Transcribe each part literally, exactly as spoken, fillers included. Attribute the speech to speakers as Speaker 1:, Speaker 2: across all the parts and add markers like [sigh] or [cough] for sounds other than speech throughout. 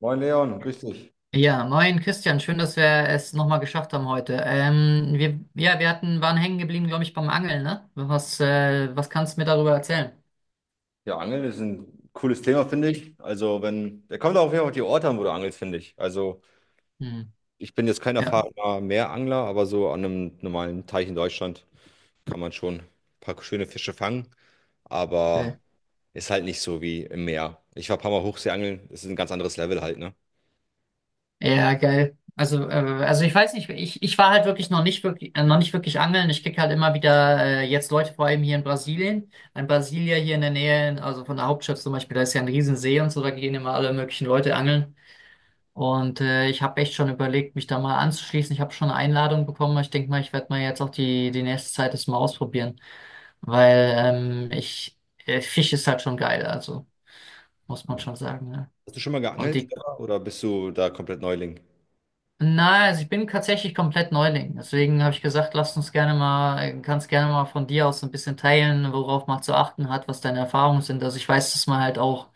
Speaker 1: Moin Leon, grüß dich.
Speaker 2: Ja, moin Christian, schön, dass wir es nochmal geschafft haben heute. Ähm, wir, ja, wir hatten, waren hängen geblieben, glaube ich, beim Angeln, ne? Was, äh, was kannst du mir darüber erzählen?
Speaker 1: Ja, Angeln ist ein cooles Thema, finde ich. Also, wenn, der kommt auch auf jeden Fall auf die Orte an, wo du angelst, finde ich. Also,
Speaker 2: Hm,
Speaker 1: ich bin jetzt kein
Speaker 2: ja,
Speaker 1: erfahrener Meerangler, aber so an einem normalen Teich in Deutschland kann man schon ein paar schöne Fische fangen, aber
Speaker 2: geil.
Speaker 1: ist halt nicht so wie im Meer. Ich war ein paar Mal Hochseeangeln, das ist ein ganz anderes Level halt, ne?
Speaker 2: Ja, geil. Also, äh, also ich weiß nicht, ich, ich war halt wirklich noch nicht wirklich, äh, noch nicht wirklich angeln. Ich krieg halt immer wieder äh, jetzt Leute, vor allem hier in Brasilien, in Brasilia hier in der Nähe, also von der Hauptstadt zum Beispiel, da ist ja ein Riesensee und so, da gehen immer alle möglichen Leute angeln. Und äh, ich habe echt schon überlegt, mich da mal anzuschließen. Ich habe schon eine Einladung bekommen. Ich denke mal, ich werde mal jetzt auch die, die nächste Zeit das mal ausprobieren, weil ähm, ich äh, Fisch ist halt schon geil, also muss man schon sagen. Ne?
Speaker 1: Hast du schon mal
Speaker 2: Und
Speaker 1: geangelt
Speaker 2: die,
Speaker 1: selber, oder bist du da komplett Neuling?
Speaker 2: na, also ich bin tatsächlich komplett Neuling. Deswegen habe ich gesagt, lass uns gerne mal, äh, kannst gerne mal von dir aus so ein bisschen teilen, worauf man zu achten hat, was deine Erfahrungen sind. Also ich weiß, dass man halt auch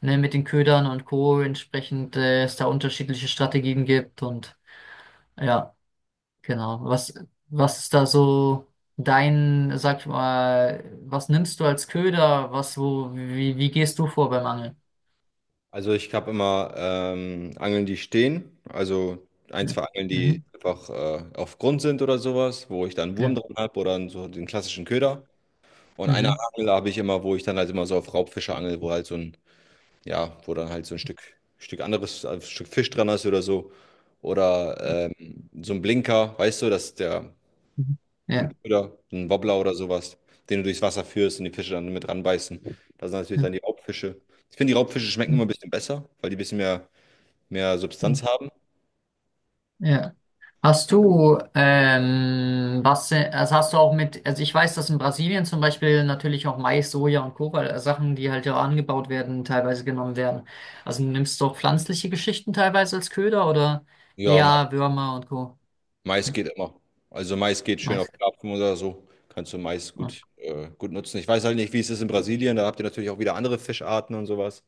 Speaker 2: ne, mit den Ködern und Co. entsprechend äh, es da unterschiedliche Strategien gibt und ja. Genau. Was, was ist da so dein, sag ich mal, was nimmst du als Köder? Was, wo, wie, wie gehst du vor beim Angeln?
Speaker 1: Also ich habe immer ähm, Angeln, die stehen. Also ein,
Speaker 2: Ja.
Speaker 1: zwei Angeln, die
Speaker 2: Mhm.
Speaker 1: einfach äh, auf Grund sind oder sowas, wo ich dann einen Wurm
Speaker 2: Ja.
Speaker 1: drin habe oder so den klassischen Köder. Und eine
Speaker 2: Mhm.
Speaker 1: Angel habe ich immer, wo ich dann halt immer so auf Raubfische angel, wo halt so ein, ja, wo dann halt so ein Stück, Stück anderes, ein Stück Fisch dran ist oder so. Oder ähm, so ein Blinker, weißt du, dass der,
Speaker 2: Mhm.
Speaker 1: so ein
Speaker 2: Ja.
Speaker 1: Köder, so ein Wobbler oder sowas, den du durchs Wasser führst und die Fische dann mit ranbeißen. Da sind natürlich
Speaker 2: Ja.
Speaker 1: dann die Raubfische. Ich finde, die Raubfische schmecken
Speaker 2: Mhm.
Speaker 1: immer ein bisschen besser, weil die ein bisschen mehr mehr
Speaker 2: Mhm.
Speaker 1: Substanz haben.
Speaker 2: Ja. Hast du, ähm, was, äh, also hast du auch mit, also ich weiß, dass in Brasilien zum Beispiel natürlich auch Mais, Soja und Kobalt, äh, Sachen, die halt ja angebaut werden, teilweise genommen werden. Also nimmst du auch pflanzliche Geschichten teilweise als Köder oder
Speaker 1: Ja, Mais,
Speaker 2: eher Würmer und Co.
Speaker 1: Mais
Speaker 2: Hm,
Speaker 1: geht immer. Also Mais geht schön auf
Speaker 2: Mais.
Speaker 1: Karpfen oder so. Kannst du Mais
Speaker 2: Ja.
Speaker 1: gut, äh, gut nutzen. Ich weiß halt nicht, wie es ist in Brasilien. Da habt ihr natürlich auch wieder andere Fischarten und sowas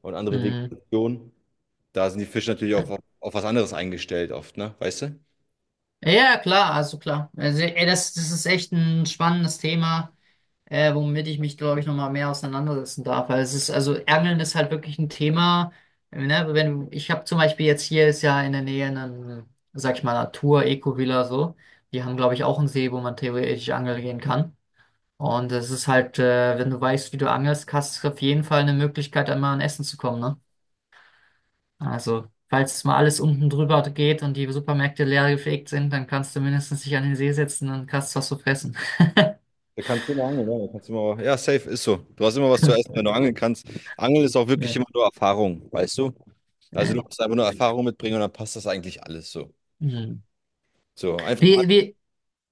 Speaker 1: und andere
Speaker 2: Mhm.
Speaker 1: Vegetationen. Da sind die Fische natürlich
Speaker 2: Ja,
Speaker 1: auf, auf was anderes eingestellt oft, ne? Weißt du?
Speaker 2: ja, klar, also klar. Also, ey, das, das ist echt ein spannendes Thema, äh, womit ich mich, glaube ich, nochmal mehr auseinandersetzen darf. Weil es ist, also Angeln ist halt wirklich ein Thema. äh, Ne? Wenn, ich habe zum Beispiel jetzt hier ist ja in der Nähe eine, sag ich mal, Natur-Eco-Villa so. Die haben, glaube ich, auch einen See, wo man theoretisch angeln gehen kann. Und es ist halt, äh, wenn du weißt, wie du angelst, hast du auf jeden Fall eine Möglichkeit, einmal an Essen zu kommen, ne? Also, falls mal alles unten drüber geht und die Supermärkte leer gefegt sind, dann kannst du mindestens dich an den See setzen und kannst was zu fressen.
Speaker 1: Da kannst du immer angeln, ja. Da kannst du immer, ja, safe ist so. Du hast immer was zu essen,
Speaker 2: [laughs]
Speaker 1: wenn du angeln kannst. Angeln ist auch wirklich
Speaker 2: Ja.
Speaker 1: immer nur Erfahrung, weißt du? Also du
Speaker 2: Äh,
Speaker 1: musst einfach nur Erfahrung mitbringen und dann passt das eigentlich alles so.
Speaker 2: hm.
Speaker 1: So, einfach an
Speaker 2: Wie, wie,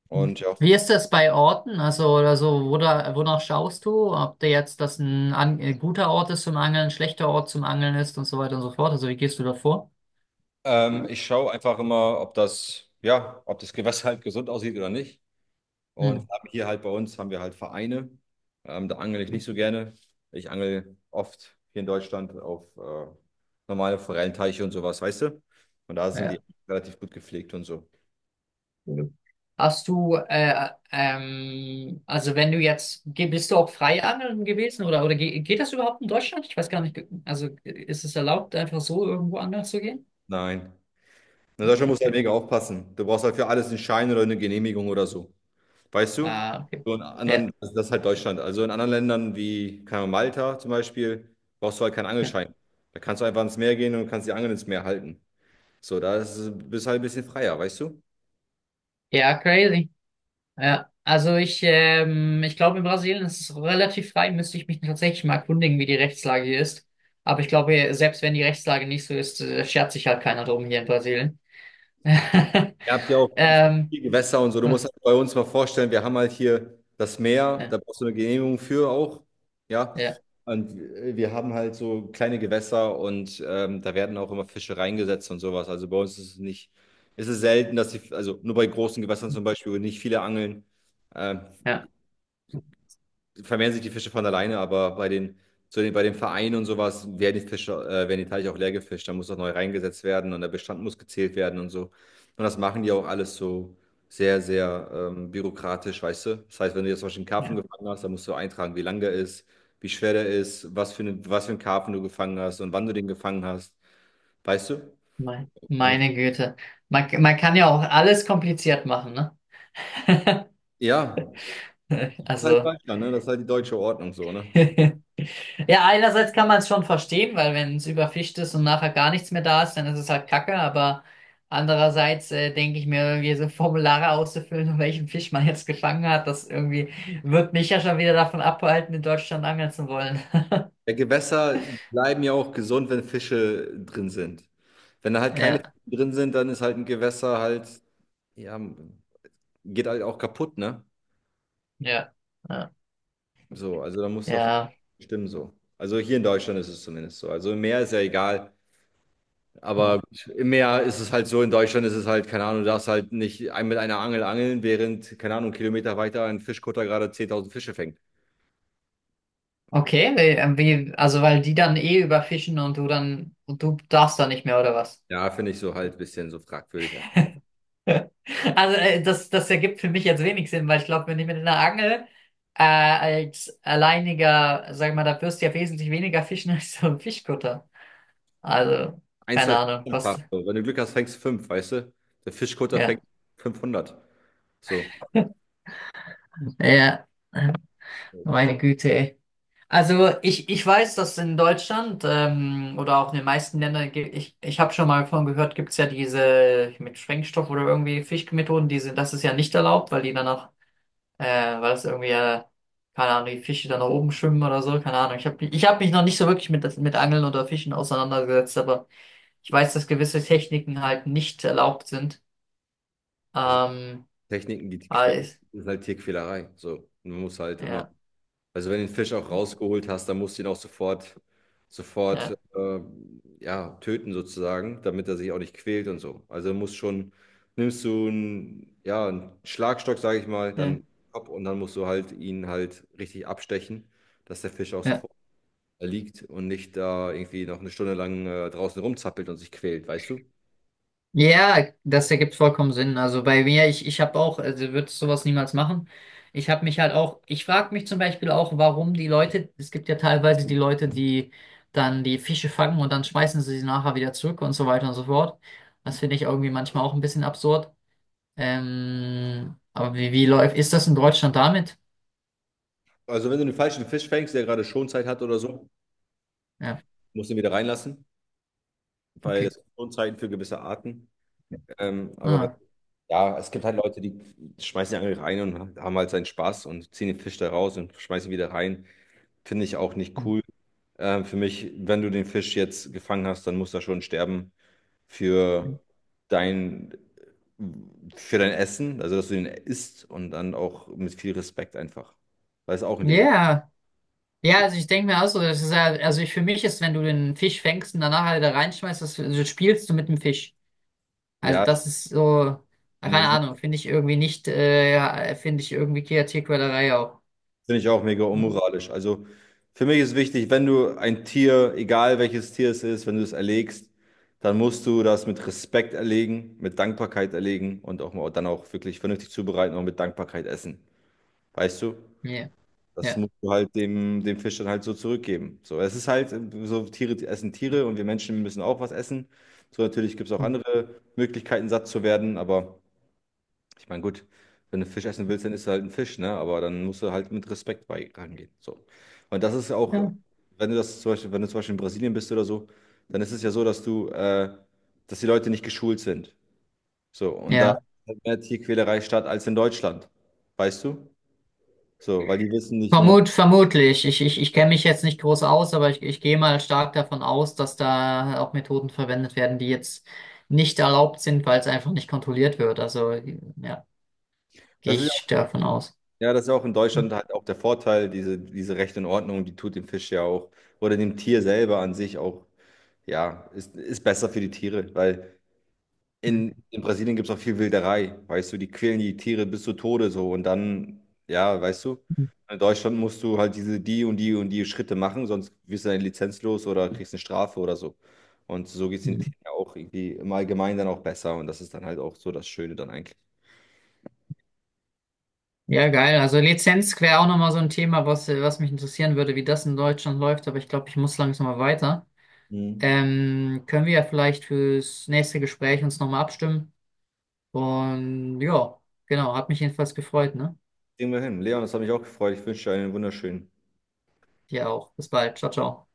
Speaker 1: und ja.
Speaker 2: wie ist das bei Orten? Also, oder so, wo da, wonach schaust du? Ob der jetzt das ein, an, ein guter Ort ist zum Angeln, ein schlechter Ort zum Angeln ist und so weiter und so fort. Also, wie gehst du da vor?
Speaker 1: Ähm, ich schaue einfach immer, ob das, ja, ob das Gewässer halt gesund aussieht oder nicht. Und
Speaker 2: Hm.
Speaker 1: haben hier halt bei uns haben wir halt Vereine. Ähm, da angel ich nicht so gerne. Ich angel oft hier in Deutschland auf äh, normale Forellenteiche und sowas, weißt du? Und da sind die
Speaker 2: Ja,
Speaker 1: relativ gut gepflegt und so.
Speaker 2: cool. Hast du, äh, ähm, also wenn du jetzt, ge- bist du auch Freiangeln gewesen oder, oder ge geht das überhaupt in Deutschland? Ich weiß gar nicht, also ist es erlaubt, einfach so irgendwo angeln zu gehen?
Speaker 1: Nein. In
Speaker 2: Ah,
Speaker 1: Deutschland musst du halt
Speaker 2: okay.
Speaker 1: mega aufpassen. Du brauchst halt für alles einen Schein oder eine Genehmigung oder so. Weißt du?
Speaker 2: Ah, okay.
Speaker 1: So in
Speaker 2: Ja,
Speaker 1: anderen, also das ist halt Deutschland. Also in anderen Ländern wie keine Ahnung, Malta zum Beispiel, brauchst du halt keinen
Speaker 2: ja,
Speaker 1: Angelschein. Da kannst du einfach ins Meer gehen und kannst die Angel ins Meer halten. So, da ist, bist du halt ein bisschen freier, weißt du?
Speaker 2: ja, crazy. Ja, also ich, ähm, ich glaube, in Brasilien ist es relativ frei, müsste ich mich tatsächlich mal erkundigen, wie die Rechtslage hier ist. Aber ich glaube, selbst wenn die Rechtslage nicht so ist, äh, schert sich halt keiner drum hier in Brasilien. [laughs]
Speaker 1: Ihr habt ja auch
Speaker 2: Ähm,
Speaker 1: viel Gewässer und so. Du musst
Speaker 2: ja.
Speaker 1: halt bei uns mal vorstellen, wir haben halt hier das Meer, da brauchst du eine Genehmigung für auch. Ja.
Speaker 2: Ja.
Speaker 1: Und wir haben halt so kleine Gewässer und ähm, da werden auch immer Fische reingesetzt und sowas. Also bei uns ist es nicht, ist es selten, dass die, also nur bei großen Gewässern zum Beispiel, wo nicht viele angeln. Ähm,
Speaker 2: Ja,
Speaker 1: Vermehren sich die Fische von alleine, aber bei den, zu den, bei den Vereinen und sowas werden die Fische, äh, werden die Teiche auch leer gefischt. Da muss auch neu reingesetzt werden und der Bestand muss gezählt werden und so. Und das machen die auch alles so sehr, sehr ähm, bürokratisch, weißt du? Das heißt, wenn du jetzt zum Beispiel einen Karpfen
Speaker 2: ja.
Speaker 1: gefangen hast, dann musst du eintragen, wie lang der ist, wie schwer der ist, was für eine, was für einen Karpfen du gefangen hast und wann du den gefangen hast, weißt du?
Speaker 2: Mein, meine Güte. Man, man kann ja auch alles kompliziert machen, ne? [laughs]
Speaker 1: Ja, halt
Speaker 2: Also,
Speaker 1: Deutschland, ne? Das ist halt die deutsche Ordnung so, ne?
Speaker 2: [laughs] ja, einerseits kann man es schon verstehen, weil wenn es überfischt ist und nachher gar nichts mehr da ist, dann ist es halt Kacke, aber andererseits äh, denke ich mir, irgendwie so Formulare auszufüllen, [laughs] um welchen Fisch man jetzt gefangen hat, das irgendwie wird mich ja schon wieder davon abhalten, in Deutschland angeln zu wollen. [laughs]
Speaker 1: Ja, Gewässer bleiben ja auch gesund, wenn Fische drin sind. Wenn da halt keine
Speaker 2: Ja,
Speaker 1: Fische drin sind, dann ist halt ein Gewässer halt, ja, geht halt auch kaputt, ne?
Speaker 2: ja, ja,
Speaker 1: So, also da muss dafür
Speaker 2: ja.
Speaker 1: stimmen so. Also hier in Deutschland ist es zumindest so. Also im Meer ist ja egal,
Speaker 2: Ja.
Speaker 1: aber im Meer ist es halt so, in Deutschland ist es halt, keine Ahnung, du darfst halt nicht ein- mit einer Angel angeln, während, keine Ahnung, Kilometer weiter ein Fischkutter gerade zehntausend Fische fängt.
Speaker 2: Okay, wie, äh, wie, also weil die dann eh überfischen und du dann, und du darfst da nicht mehr, oder was?
Speaker 1: Ja, finde ich so halt ein bisschen so fragwürdig.
Speaker 2: [laughs] Also äh, das, das ergibt für mich jetzt wenig Sinn, weil ich glaube, wenn ich mit einer Angel äh, als alleiniger, sag mal, da wirst du ja wesentlich weniger fischen [laughs] als so ein Fischkutter. Also,
Speaker 1: Ein,
Speaker 2: keine
Speaker 1: zwei
Speaker 2: Ahnung,
Speaker 1: Fänge
Speaker 2: was,
Speaker 1: hast. So. Wenn du Glück hast, fängst du fünf, weißt du? Der Fischkutter fängt
Speaker 2: ja.
Speaker 1: fünfhundert. So,
Speaker 2: [laughs] Ja, meine Güte, ey. Also ich, ich weiß, dass in Deutschland ähm, oder auch in den meisten Ländern, ge- ich, ich habe schon mal davon gehört, gibt es ja diese mit Sprengstoff oder irgendwie Fischmethoden, die sind, das ist ja nicht erlaubt, weil die danach, äh, weil es irgendwie, äh, keine Ahnung, die Fische dann nach oben schwimmen oder so, keine Ahnung. Ich habe ich hab mich noch nicht so wirklich mit, mit Angeln oder Fischen auseinandergesetzt, aber ich weiß, dass gewisse Techniken halt nicht erlaubt sind.
Speaker 1: das sind
Speaker 2: Ähm,
Speaker 1: Techniken, die die
Speaker 2: aber
Speaker 1: quälen.
Speaker 2: ich,
Speaker 1: Das ist halt Tierquälerei. So, und man muss halt immer,
Speaker 2: ja,
Speaker 1: also wenn du den Fisch auch rausgeholt hast, dann musst du ihn auch sofort, sofort,
Speaker 2: ja,
Speaker 1: äh, ja, töten sozusagen, damit er sich auch nicht quält und so. Also musst schon, nimmst du einen, ja, einen Schlagstock, sage ich mal,
Speaker 2: ja.
Speaker 1: dann Kopf und dann musst du halt ihn halt richtig abstechen, dass der Fisch auch
Speaker 2: Ja.
Speaker 1: sofort liegt und nicht da irgendwie noch eine Stunde lang äh, draußen rumzappelt und sich quält, weißt du?
Speaker 2: Ja, das ergibt vollkommen Sinn. Also bei mir, ich, ich habe auch, also würde sowas niemals machen. Ich habe mich halt auch, ich frage mich zum Beispiel auch, warum die Leute, es gibt ja teilweise die Leute, die dann die Fische fangen und dann schmeißen sie sie nachher wieder zurück und so weiter und so fort. Das finde ich irgendwie manchmal auch ein bisschen absurd. Ähm, aber wie, wie läuft, ist das in Deutschland damit?
Speaker 1: Also wenn du den falschen Fisch fängst, der gerade Schonzeit hat oder so,
Speaker 2: Ja,
Speaker 1: musst du ihn wieder reinlassen, weil das
Speaker 2: okay.
Speaker 1: sind Schonzeiten für gewisse Arten. Ähm, aber wenn-
Speaker 2: Ah.
Speaker 1: ja, es gibt halt Leute, die schmeißen die Angel rein und haben halt seinen Spaß und ziehen den Fisch da raus und schmeißen ihn wieder rein. Finde ich auch nicht
Speaker 2: Hm,
Speaker 1: cool. Ähm, für mich, wenn du den Fisch jetzt gefangen hast, dann muss er schon sterben
Speaker 2: hm.
Speaker 1: für dein, für dein Essen, also dass du ihn isst und dann auch mit viel Respekt einfach, weil es auch ein Leben ist.
Speaker 2: Ja, ja, also ich denke mir auch so, das ist ja, also ich, für mich ist, wenn du den Fisch fängst und danach halt da reinschmeißt, das, also spielst du mit dem Fisch. Also
Speaker 1: Ja,
Speaker 2: das ist so, keine
Speaker 1: finde
Speaker 2: Ahnung, finde ich irgendwie nicht, äh, ja, finde ich irgendwie Kreativquälerei auch.
Speaker 1: ich auch mega
Speaker 2: Ja,
Speaker 1: unmoralisch. Also für mich ist wichtig, wenn du ein Tier, egal welches Tier es ist, wenn du es erlegst, dann musst du das mit Respekt erlegen, mit Dankbarkeit erlegen und auch dann auch wirklich vernünftig zubereiten und mit Dankbarkeit essen. Weißt du?
Speaker 2: ja,
Speaker 1: Das
Speaker 2: ja.
Speaker 1: musst du halt dem, dem Fisch dann halt so zurückgeben. So, es ist halt äh, so, Tiere essen Tiere und wir Menschen müssen auch was essen. So, natürlich gibt es auch
Speaker 2: Hm.
Speaker 1: andere Möglichkeiten, satt zu werden, aber ich meine, gut, wenn du Fisch essen willst, dann isst du halt einen Fisch, ne? Aber dann musst du halt mit Respekt bei rangehen. So. Und das ist auch,
Speaker 2: Ja.
Speaker 1: wenn du das zum Beispiel, wenn du zum Beispiel in Brasilien bist oder so, dann ist es ja so, dass du, äh, dass die Leute nicht geschult sind. So, und da
Speaker 2: Ja.
Speaker 1: findet mehr Tierquälerei statt als in Deutschland. Weißt du? So, weil die wissen nicht immer.
Speaker 2: Vermut, vermutlich. Ich, ich, ich kenne mich jetzt nicht groß aus, aber ich, ich gehe mal stark davon aus, dass da auch Methoden verwendet werden, die jetzt nicht erlaubt sind, weil es einfach nicht kontrolliert wird. Also ja, gehe
Speaker 1: Das ist
Speaker 2: ich davon aus.
Speaker 1: ja, das ist ja auch in Deutschland
Speaker 2: Hm.
Speaker 1: halt auch der Vorteil, diese, diese Recht und Ordnung, die tut dem Fisch ja auch oder dem Tier selber an sich auch, ja, ist, ist besser für die Tiere, weil
Speaker 2: Hm.
Speaker 1: in, in Brasilien gibt es auch viel Wilderei, weißt du, die quälen die Tiere bis zu Tode so und dann, ja, weißt du, in Deutschland musst du halt diese, die und die und die Schritte machen, sonst wirst du deine Lizenz los oder kriegst eine Strafe oder so. Und so geht es den
Speaker 2: Hm.
Speaker 1: Tieren ja auch irgendwie im Allgemeinen dann auch besser und das ist dann halt auch so das Schöne dann eigentlich.
Speaker 2: Ja, geil. Also Lizenz wäre auch nochmal so ein Thema, was, was mich interessieren würde, wie das in Deutschland läuft, aber ich glaube, ich muss langsam mal weiter.
Speaker 1: Mhm.
Speaker 2: Ähm, können wir ja vielleicht fürs nächste Gespräch uns nochmal abstimmen. Und ja, genau, hat mich jedenfalls gefreut, ne?
Speaker 1: Kriegen wir hin. Leon, das hat mich auch gefreut. Ich wünsche dir einen wunderschönen.
Speaker 2: Dir auch. Bis bald. Ciao, ciao.